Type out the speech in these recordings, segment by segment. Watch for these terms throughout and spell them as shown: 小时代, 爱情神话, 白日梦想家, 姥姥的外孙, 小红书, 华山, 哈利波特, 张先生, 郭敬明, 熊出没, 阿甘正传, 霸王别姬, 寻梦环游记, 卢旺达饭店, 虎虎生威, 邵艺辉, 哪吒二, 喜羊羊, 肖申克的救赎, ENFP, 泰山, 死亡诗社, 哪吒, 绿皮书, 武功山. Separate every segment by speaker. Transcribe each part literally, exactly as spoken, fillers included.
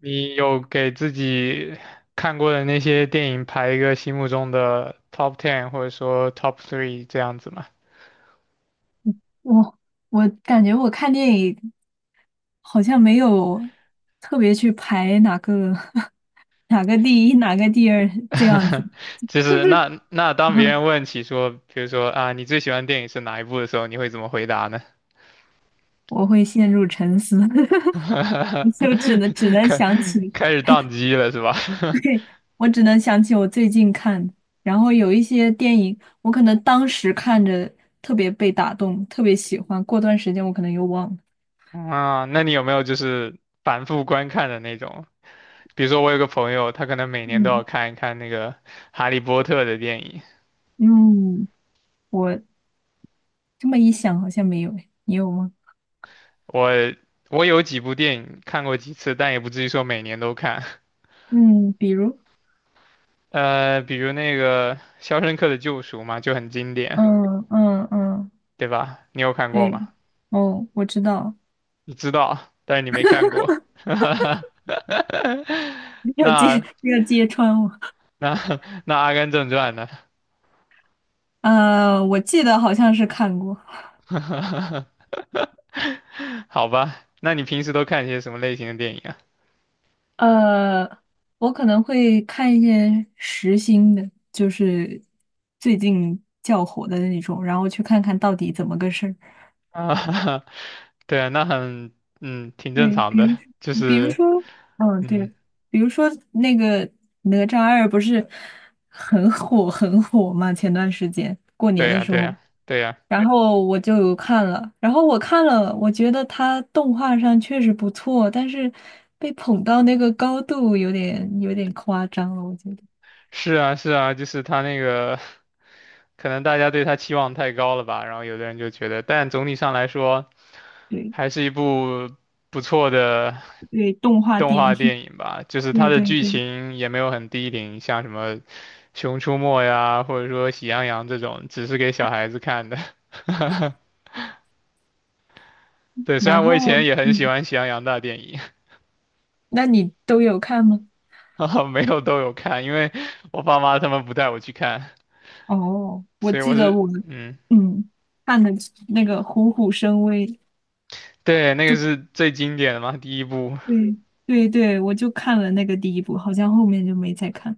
Speaker 1: 你有给自己看过的那些电影排一个心目中的 top ten 或者说 top three 这样子吗？
Speaker 2: 我我感觉我看电影好像没有特别去排哪个 哪个第一哪个第二这样子，
Speaker 1: 就
Speaker 2: 就
Speaker 1: 是
Speaker 2: 是
Speaker 1: 那那当别 人问起说，比如说啊，你最喜欢电影是哪一部的时候，你会怎么回答呢？
Speaker 2: 我会陷入沉思，就只能只 能
Speaker 1: 开
Speaker 2: 想起，
Speaker 1: 开始宕机了是吧？
Speaker 2: 对，我只能想起我最近看的，然后有一些电影我可能当时看着特别被打动，特别喜欢，过段时间我可能又忘了。
Speaker 1: 啊，那你有没有就是反复观看的那种？比如说我有个朋友，他可能每年都要
Speaker 2: 嗯
Speaker 1: 看一看那个《哈利波特》的电影。
Speaker 2: 嗯，我这么一想好像没有诶，你有吗？
Speaker 1: 我我有几部电影看过几次，但也不至于说每年都看。
Speaker 2: 嗯，比如。
Speaker 1: 呃，比如那个《肖申克的救赎》嘛，就很经典，
Speaker 2: 嗯嗯嗯，
Speaker 1: 对吧？你有看过
Speaker 2: 对，
Speaker 1: 吗？
Speaker 2: 哦，我知道，
Speaker 1: 你知道，但是你没看过。
Speaker 2: 没有揭
Speaker 1: 那
Speaker 2: 没有揭穿我。
Speaker 1: 那那《阿甘正传》呢？
Speaker 2: 呃，我记得好像是看过。
Speaker 1: 好吧，那你平时都看些什么类型的电影啊？
Speaker 2: 呃，我可能会看一些时兴的，就是最近较火的那种，然后去看看到底怎么个事儿。
Speaker 1: 啊，对啊，那很嗯挺正
Speaker 2: 对，
Speaker 1: 常
Speaker 2: 比
Speaker 1: 的，
Speaker 2: 如
Speaker 1: 就
Speaker 2: 比如
Speaker 1: 是
Speaker 2: 说，嗯，对，
Speaker 1: 嗯，
Speaker 2: 比如说那个哪吒二不是很火很火嘛？前段时间过年
Speaker 1: 对
Speaker 2: 的
Speaker 1: 呀，
Speaker 2: 时
Speaker 1: 对
Speaker 2: 候。
Speaker 1: 呀，对呀。
Speaker 2: 然后我就有看了，然后我看了，我觉得它动画上确实不错，但是被捧到那个高度有点有点夸张了，我觉得。
Speaker 1: 是啊，是啊，就是他那个，可能大家对他期望太高了吧，然后有的人就觉得，但总体上来说，
Speaker 2: 对
Speaker 1: 还是一部不错的
Speaker 2: 对，动画
Speaker 1: 动
Speaker 2: 电
Speaker 1: 画
Speaker 2: 影，
Speaker 1: 电影吧。就 是它
Speaker 2: 对
Speaker 1: 的
Speaker 2: 对
Speaker 1: 剧
Speaker 2: 对。
Speaker 1: 情也没有很低龄，像什么《熊出没》呀，或者说《喜羊羊》这种，只是给小孩子看的。对，虽
Speaker 2: 然
Speaker 1: 然我以
Speaker 2: 后，
Speaker 1: 前也很喜
Speaker 2: 嗯，
Speaker 1: 欢《喜羊羊》大电影，
Speaker 2: 那你都有看吗？
Speaker 1: 哈哈没有都有看，因为我爸妈他们不带我去看，
Speaker 2: 哦，我
Speaker 1: 所以我
Speaker 2: 记得
Speaker 1: 是，
Speaker 2: 我，
Speaker 1: 嗯，
Speaker 2: 嗯，看的那个《虎虎生威》，
Speaker 1: 对，那个是
Speaker 2: 就
Speaker 1: 最经典的嘛，第一部。
Speaker 2: 对对对，我就看了那个第一部，好像后面就没再看。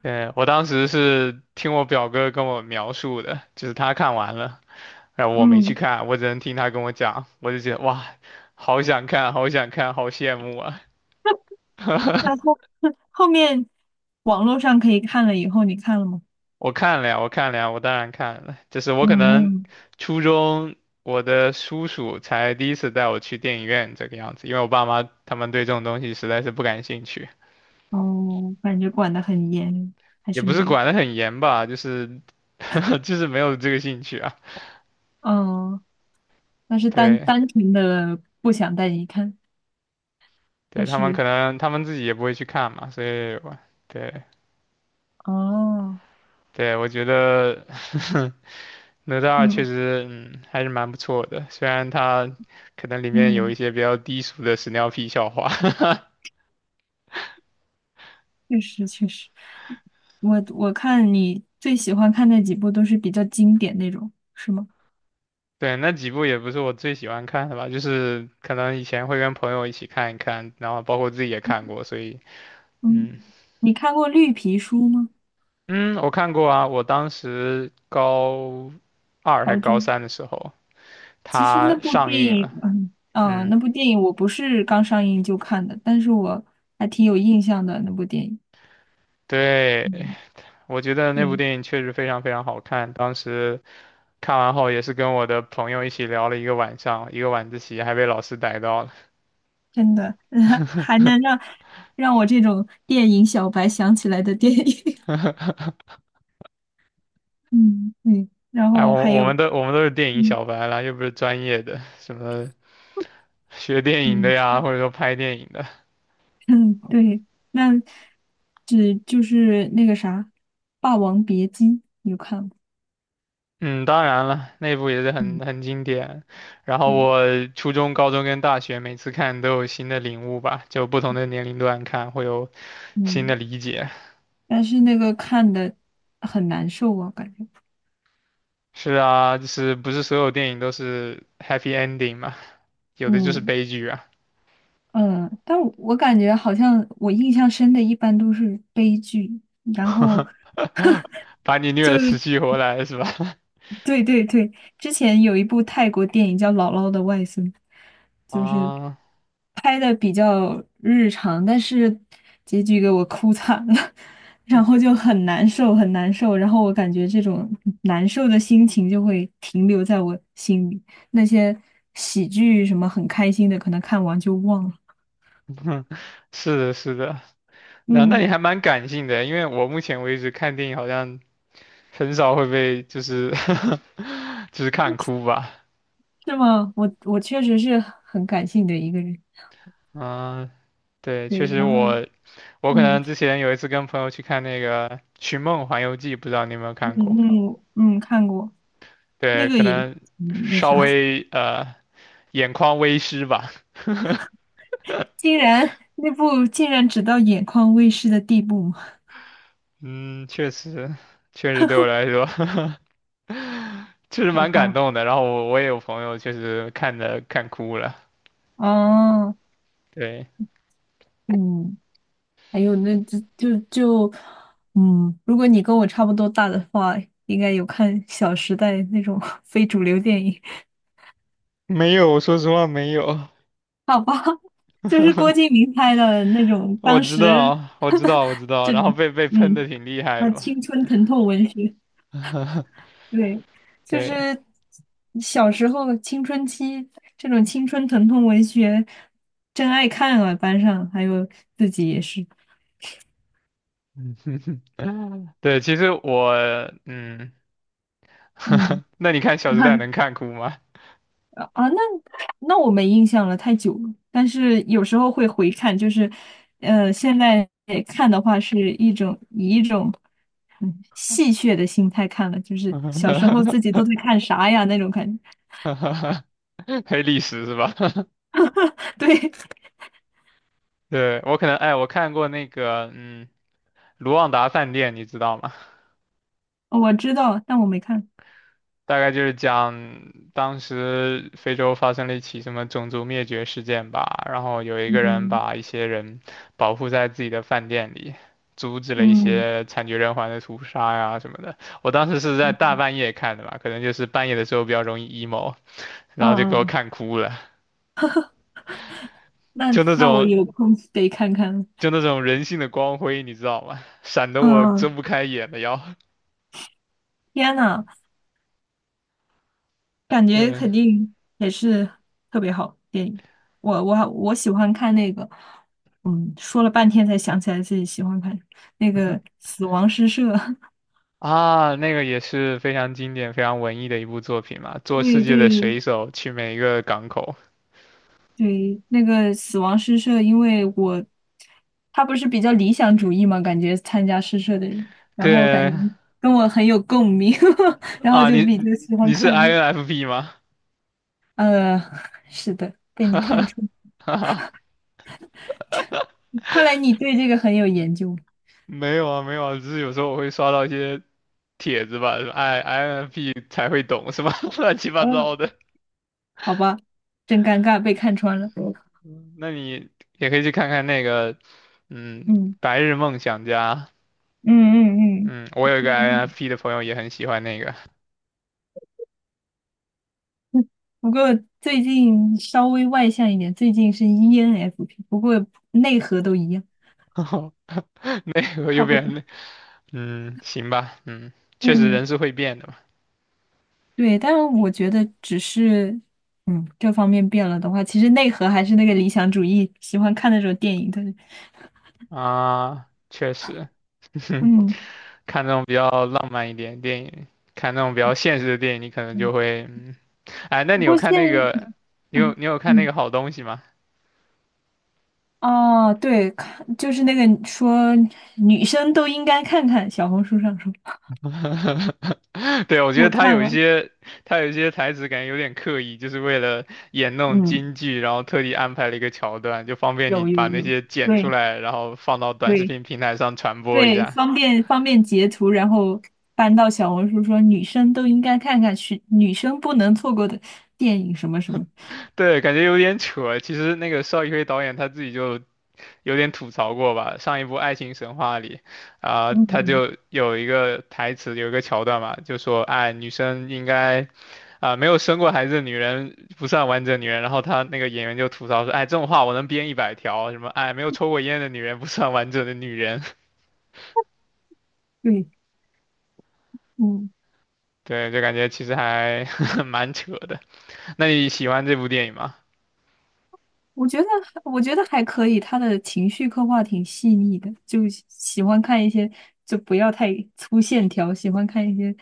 Speaker 1: 对，我当时是听我表哥跟我描述的，就是他看完了，然后我没去
Speaker 2: 嗯，
Speaker 1: 看，我只能听他跟我讲，我就觉得哇，好想看，好想看，好羡慕啊！
Speaker 2: 那后 后面网络上可以看了以后，你看了吗？
Speaker 1: 我看了呀，我看了呀，我当然看了，就是我可
Speaker 2: 嗯
Speaker 1: 能
Speaker 2: 嗯，
Speaker 1: 初中我的叔叔才第一次带我去电影院这个样子，因为我爸妈他们对这种东西实在是不感兴趣，
Speaker 2: 哦，感觉管得很严，还
Speaker 1: 也
Speaker 2: 是
Speaker 1: 不
Speaker 2: 没
Speaker 1: 是
Speaker 2: 有。
Speaker 1: 管得很严吧，就是 就是没有这个兴趣啊，
Speaker 2: 嗯，那是单
Speaker 1: 对。
Speaker 2: 单纯的不想带你看，
Speaker 1: 对，
Speaker 2: 还
Speaker 1: 他们
Speaker 2: 是
Speaker 1: 可能他们自己也不会去看嘛，所以我对
Speaker 2: 哦，
Speaker 1: 对，我觉得 哪吒二确
Speaker 2: 嗯
Speaker 1: 实嗯还是蛮不错的，虽然它可能里面有一
Speaker 2: 嗯，
Speaker 1: 些比较低俗的屎尿屁笑话。
Speaker 2: 确实确实，我我看你最喜欢看那几部都是比较经典那种，是吗？
Speaker 1: 对，那几部也不是我最喜欢看的吧，就是可能以前会跟朋友一起看一看，然后包括自己也看过，所以
Speaker 2: 嗯，
Speaker 1: 嗯
Speaker 2: 你看过《绿皮书》吗？
Speaker 1: 嗯，我看过啊，我当时高二还
Speaker 2: 高
Speaker 1: 高
Speaker 2: 中。
Speaker 1: 三的时候，
Speaker 2: 其实那
Speaker 1: 它
Speaker 2: 部
Speaker 1: 上
Speaker 2: 电
Speaker 1: 映
Speaker 2: 影，
Speaker 1: 了，
Speaker 2: 嗯嗯，呃
Speaker 1: 嗯。
Speaker 2: 那部电影我不是刚上映就看的，但是我还挺有印象的那部电影。
Speaker 1: 对，
Speaker 2: 嗯，
Speaker 1: 我觉得那部
Speaker 2: 对，
Speaker 1: 电影确实非常非常好看，当时看完后也是跟我的朋友一起聊了一个晚上，一个晚自习还被老师逮到了。
Speaker 2: 真的，还能让让我这种电影小白想起来的电影。嗯，嗯，然
Speaker 1: 哎，
Speaker 2: 后
Speaker 1: 我
Speaker 2: 还
Speaker 1: 我
Speaker 2: 有，
Speaker 1: 们都我们都是电影
Speaker 2: 嗯
Speaker 1: 小白啦，又不是专业的，什么学电影的
Speaker 2: 嗯
Speaker 1: 呀，或者说拍电影的。
Speaker 2: 嗯，对，那只就是那个啥，《霸王别姬》。
Speaker 1: 嗯，当然了，那部也是
Speaker 2: 嗯
Speaker 1: 很很经典。然后
Speaker 2: 嗯
Speaker 1: 我初中、高中跟大学每次看都有新的领悟吧，就不同的年龄段看会有新的
Speaker 2: 嗯，
Speaker 1: 理解。
Speaker 2: 但是那个看的很难受啊，感觉。
Speaker 1: 是啊，就是不是所有电影都是 happy ending 嘛？有的就是
Speaker 2: 嗯。
Speaker 1: 悲剧啊，
Speaker 2: 嗯，但我感觉好像我印象深的一般都是悲剧，然后
Speaker 1: 把你虐
Speaker 2: 就
Speaker 1: 得死去活来是吧？
Speaker 2: 对对对，之前有一部泰国电影叫《姥姥的外孙》，就是
Speaker 1: 啊，
Speaker 2: 拍的比较日常，但是结局给我哭惨了，然后就很难受很难受，然后我感觉这种难受的心情就会停留在我心里，那些喜剧什么很开心的，可能看完就忘了。
Speaker 1: 是的，是的，那那
Speaker 2: 嗯。
Speaker 1: 你还蛮感性的，因为我目前为止看电影好像很少会被就是 就是看哭吧。
Speaker 2: 是吗？我我确实是很感性的一个人，
Speaker 1: 嗯，对，确
Speaker 2: 对，
Speaker 1: 实
Speaker 2: 然后
Speaker 1: 我我可
Speaker 2: 嗯
Speaker 1: 能之前有一次跟朋友去看那个《寻梦环游记》，不知道你有没有
Speaker 2: 嗯
Speaker 1: 看过？
Speaker 2: 嗯嗯，看过那
Speaker 1: 对，
Speaker 2: 个
Speaker 1: 可
Speaker 2: 也
Speaker 1: 能
Speaker 2: 嗯那
Speaker 1: 稍
Speaker 2: 啥，
Speaker 1: 微呃眼眶微湿吧。
Speaker 2: 竟然那部竟然只到眼眶微湿的地步吗？
Speaker 1: 嗯，确实，确实对我来说。确实
Speaker 2: 好
Speaker 1: 蛮感
Speaker 2: 吧，
Speaker 1: 动的。然后我我也有朋友确实看的看哭了。
Speaker 2: 哦，
Speaker 1: 对，
Speaker 2: 嗯，还有那就就就嗯，如果你跟我差不多大的话，应该有看《小时代》那种 非主流电影，
Speaker 1: 没有，说实话没有。
Speaker 2: 好吧，就是郭敬明拍的那种，
Speaker 1: 我
Speaker 2: 当
Speaker 1: 知
Speaker 2: 时
Speaker 1: 道，我知 道，我知道。
Speaker 2: 这
Speaker 1: 然
Speaker 2: 种。
Speaker 1: 后被被喷
Speaker 2: 嗯。
Speaker 1: 的挺厉害
Speaker 2: 啊，
Speaker 1: 的嘛。
Speaker 2: 青春疼痛文学，对，就
Speaker 1: 对，
Speaker 2: 是小时候青春期这种青春疼痛文学，真爱看啊，班上还有自己也是，
Speaker 1: 对，其实我，嗯，
Speaker 2: 嗯，
Speaker 1: 那你看《小时代》
Speaker 2: 看
Speaker 1: 能看哭吗？
Speaker 2: 啊，啊那那我没印象了，太久了。但是有时候会回看，就是呃，现在看的话是一种以一种嗯戏谑的心态看了，就是小时候自 己都在看啥呀那种感觉。
Speaker 1: 黑历史是吧？
Speaker 2: 对，
Speaker 1: 对，我可能，哎，我看过那个，嗯，《卢旺达饭店》，你知道吗？
Speaker 2: 我知道，但我没看。
Speaker 1: 大概就是讲当时非洲发生了一起什么种族灭绝事件吧，然后有一个人
Speaker 2: 嗯。
Speaker 1: 把一些人保护在自己的饭店里，阻止了一
Speaker 2: 嗯
Speaker 1: 些惨绝人寰的屠杀呀什么的。我当时是在
Speaker 2: 嗯，
Speaker 1: 大半夜看的吧，可能就是半夜的时候比较容易 emo，然后就给我
Speaker 2: 嗯，
Speaker 1: 看哭了，
Speaker 2: 那
Speaker 1: 就那
Speaker 2: 那我
Speaker 1: 种
Speaker 2: 有空得看看。
Speaker 1: 就那种人性的光辉，你知道吗？闪得我睁
Speaker 2: 嗯，
Speaker 1: 不开眼的要。
Speaker 2: 天呐，感觉
Speaker 1: 对，
Speaker 2: 肯定也是特别好电影。我我我喜欢看那个，嗯，说了半天才想起来自己喜欢看那个《死亡诗社》。
Speaker 1: 啊，那个也是非常经典、非常文艺的一部作品嘛，做世
Speaker 2: 对
Speaker 1: 界的
Speaker 2: 对
Speaker 1: 水手去每一个港口。
Speaker 2: 对，那个《死亡诗社》，因为我他不是比较理想主义嘛，感觉参加诗社的人，然后感
Speaker 1: 对
Speaker 2: 觉跟我很有共鸣，然后
Speaker 1: 啊，
Speaker 2: 就
Speaker 1: 你
Speaker 2: 比较喜欢
Speaker 1: 你是
Speaker 2: 看那个。
Speaker 1: I N F P 吗？
Speaker 2: 呃，是的，被你看穿，
Speaker 1: 哈哈，
Speaker 2: 看来你对这个很有研究。
Speaker 1: 没有啊，没有啊，只是有时候我会刷到一些帖子吧，哎，I N F P 才会懂是吧？乱七八
Speaker 2: 嗯，
Speaker 1: 糟的。
Speaker 2: 好吧，真尴尬，被看穿了。
Speaker 1: 嗯那你也可以去看看那个，嗯，
Speaker 2: 嗯
Speaker 1: 《白日梦想家》。
Speaker 2: 嗯嗯嗯。
Speaker 1: 嗯，我有一个
Speaker 2: 嗯
Speaker 1: I N F P 的朋友也很喜欢那个，
Speaker 2: 不过最近稍微外向一点，最近是 E N F P，不过内核都一样，
Speaker 1: 那个右
Speaker 2: 差不多。
Speaker 1: 边那。嗯，行吧，嗯，确实
Speaker 2: 嗯，
Speaker 1: 人是会变的嘛。
Speaker 2: 对，但是我觉得只是，嗯，这方面变了的话，其实内核还是那个理想主义，喜欢看那种电影的。
Speaker 1: 啊，确实，
Speaker 2: 嗯，
Speaker 1: 看那种比较浪漫一点的电影，看那种比较现实的电影，你可能
Speaker 2: 嗯
Speaker 1: 就会，嗯，哎，那
Speaker 2: 不
Speaker 1: 你有
Speaker 2: 过现，
Speaker 1: 看那个，你有
Speaker 2: 嗯
Speaker 1: 你有看那个
Speaker 2: 嗯。
Speaker 1: 好东西吗？
Speaker 2: 哦，对，看就是那个说女生都应该看看小红书上说，
Speaker 1: 对，我觉得
Speaker 2: 我
Speaker 1: 他
Speaker 2: 看
Speaker 1: 有一
Speaker 2: 了，
Speaker 1: 些，他有一些台词感觉有点刻意，就是为了演那种
Speaker 2: 嗯，
Speaker 1: 京剧，然后特地安排了一个桥段，就方便你
Speaker 2: 有
Speaker 1: 把
Speaker 2: 有
Speaker 1: 那
Speaker 2: 有，
Speaker 1: 些剪出
Speaker 2: 对
Speaker 1: 来，然后放到短视
Speaker 2: 对
Speaker 1: 频平台上传播一
Speaker 2: 对，
Speaker 1: 下。
Speaker 2: 方便方便截图，然后搬到小红书说女生都应该看看是女生不能错过的电影什么什么，
Speaker 1: 对，感觉有点扯。其实那个邵艺辉导演他自己就有点吐槽过吧，上一部《爱情神话》里，啊、
Speaker 2: 嗯
Speaker 1: 他
Speaker 2: 嗯，
Speaker 1: 就有一个台词，有一个桥段嘛，就说，哎，女生应该，啊、没有生过孩子的女人不算完整女人。然后他那个演员就吐槽说，哎，这种话我能编一百条，什么，哎，没有抽过烟的女人不算完整的女人。
Speaker 2: 对，嗯，
Speaker 1: 对，就感觉其实还 蛮扯的。那你喜欢这部电影吗？
Speaker 2: 我觉得我觉得还可以，他的情绪刻画挺细腻的，就喜喜欢看一些就不要太粗线条，喜欢看一些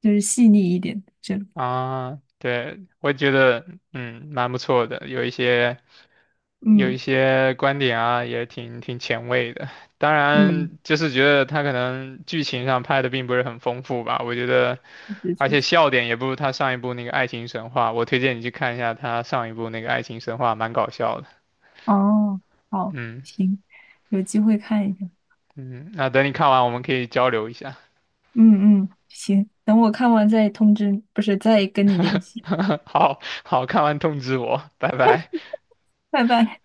Speaker 2: 就是细腻一点这种。
Speaker 1: 啊，对，我觉得，嗯，蛮不错的，有一些。有一
Speaker 2: 嗯
Speaker 1: 些观点啊，也挺挺前卫的。当
Speaker 2: 嗯，
Speaker 1: 然，就是觉得他可能剧情上拍的并不是很丰富吧。我觉得，
Speaker 2: 确
Speaker 1: 而
Speaker 2: 确
Speaker 1: 且
Speaker 2: 实。
Speaker 1: 笑点也不如他上一部那个《爱情神话》。我推荐你去看一下他上一部那个《爱情神话》，蛮搞笑的。
Speaker 2: 哦，好，
Speaker 1: 嗯
Speaker 2: 行，有机会看一下。
Speaker 1: 嗯，那等你看完，我们可以交流一下。
Speaker 2: 嗯嗯，行，等我看完再通知你不是再跟你联系。
Speaker 1: 好好，看完通知我，拜拜。
Speaker 2: 拜拜。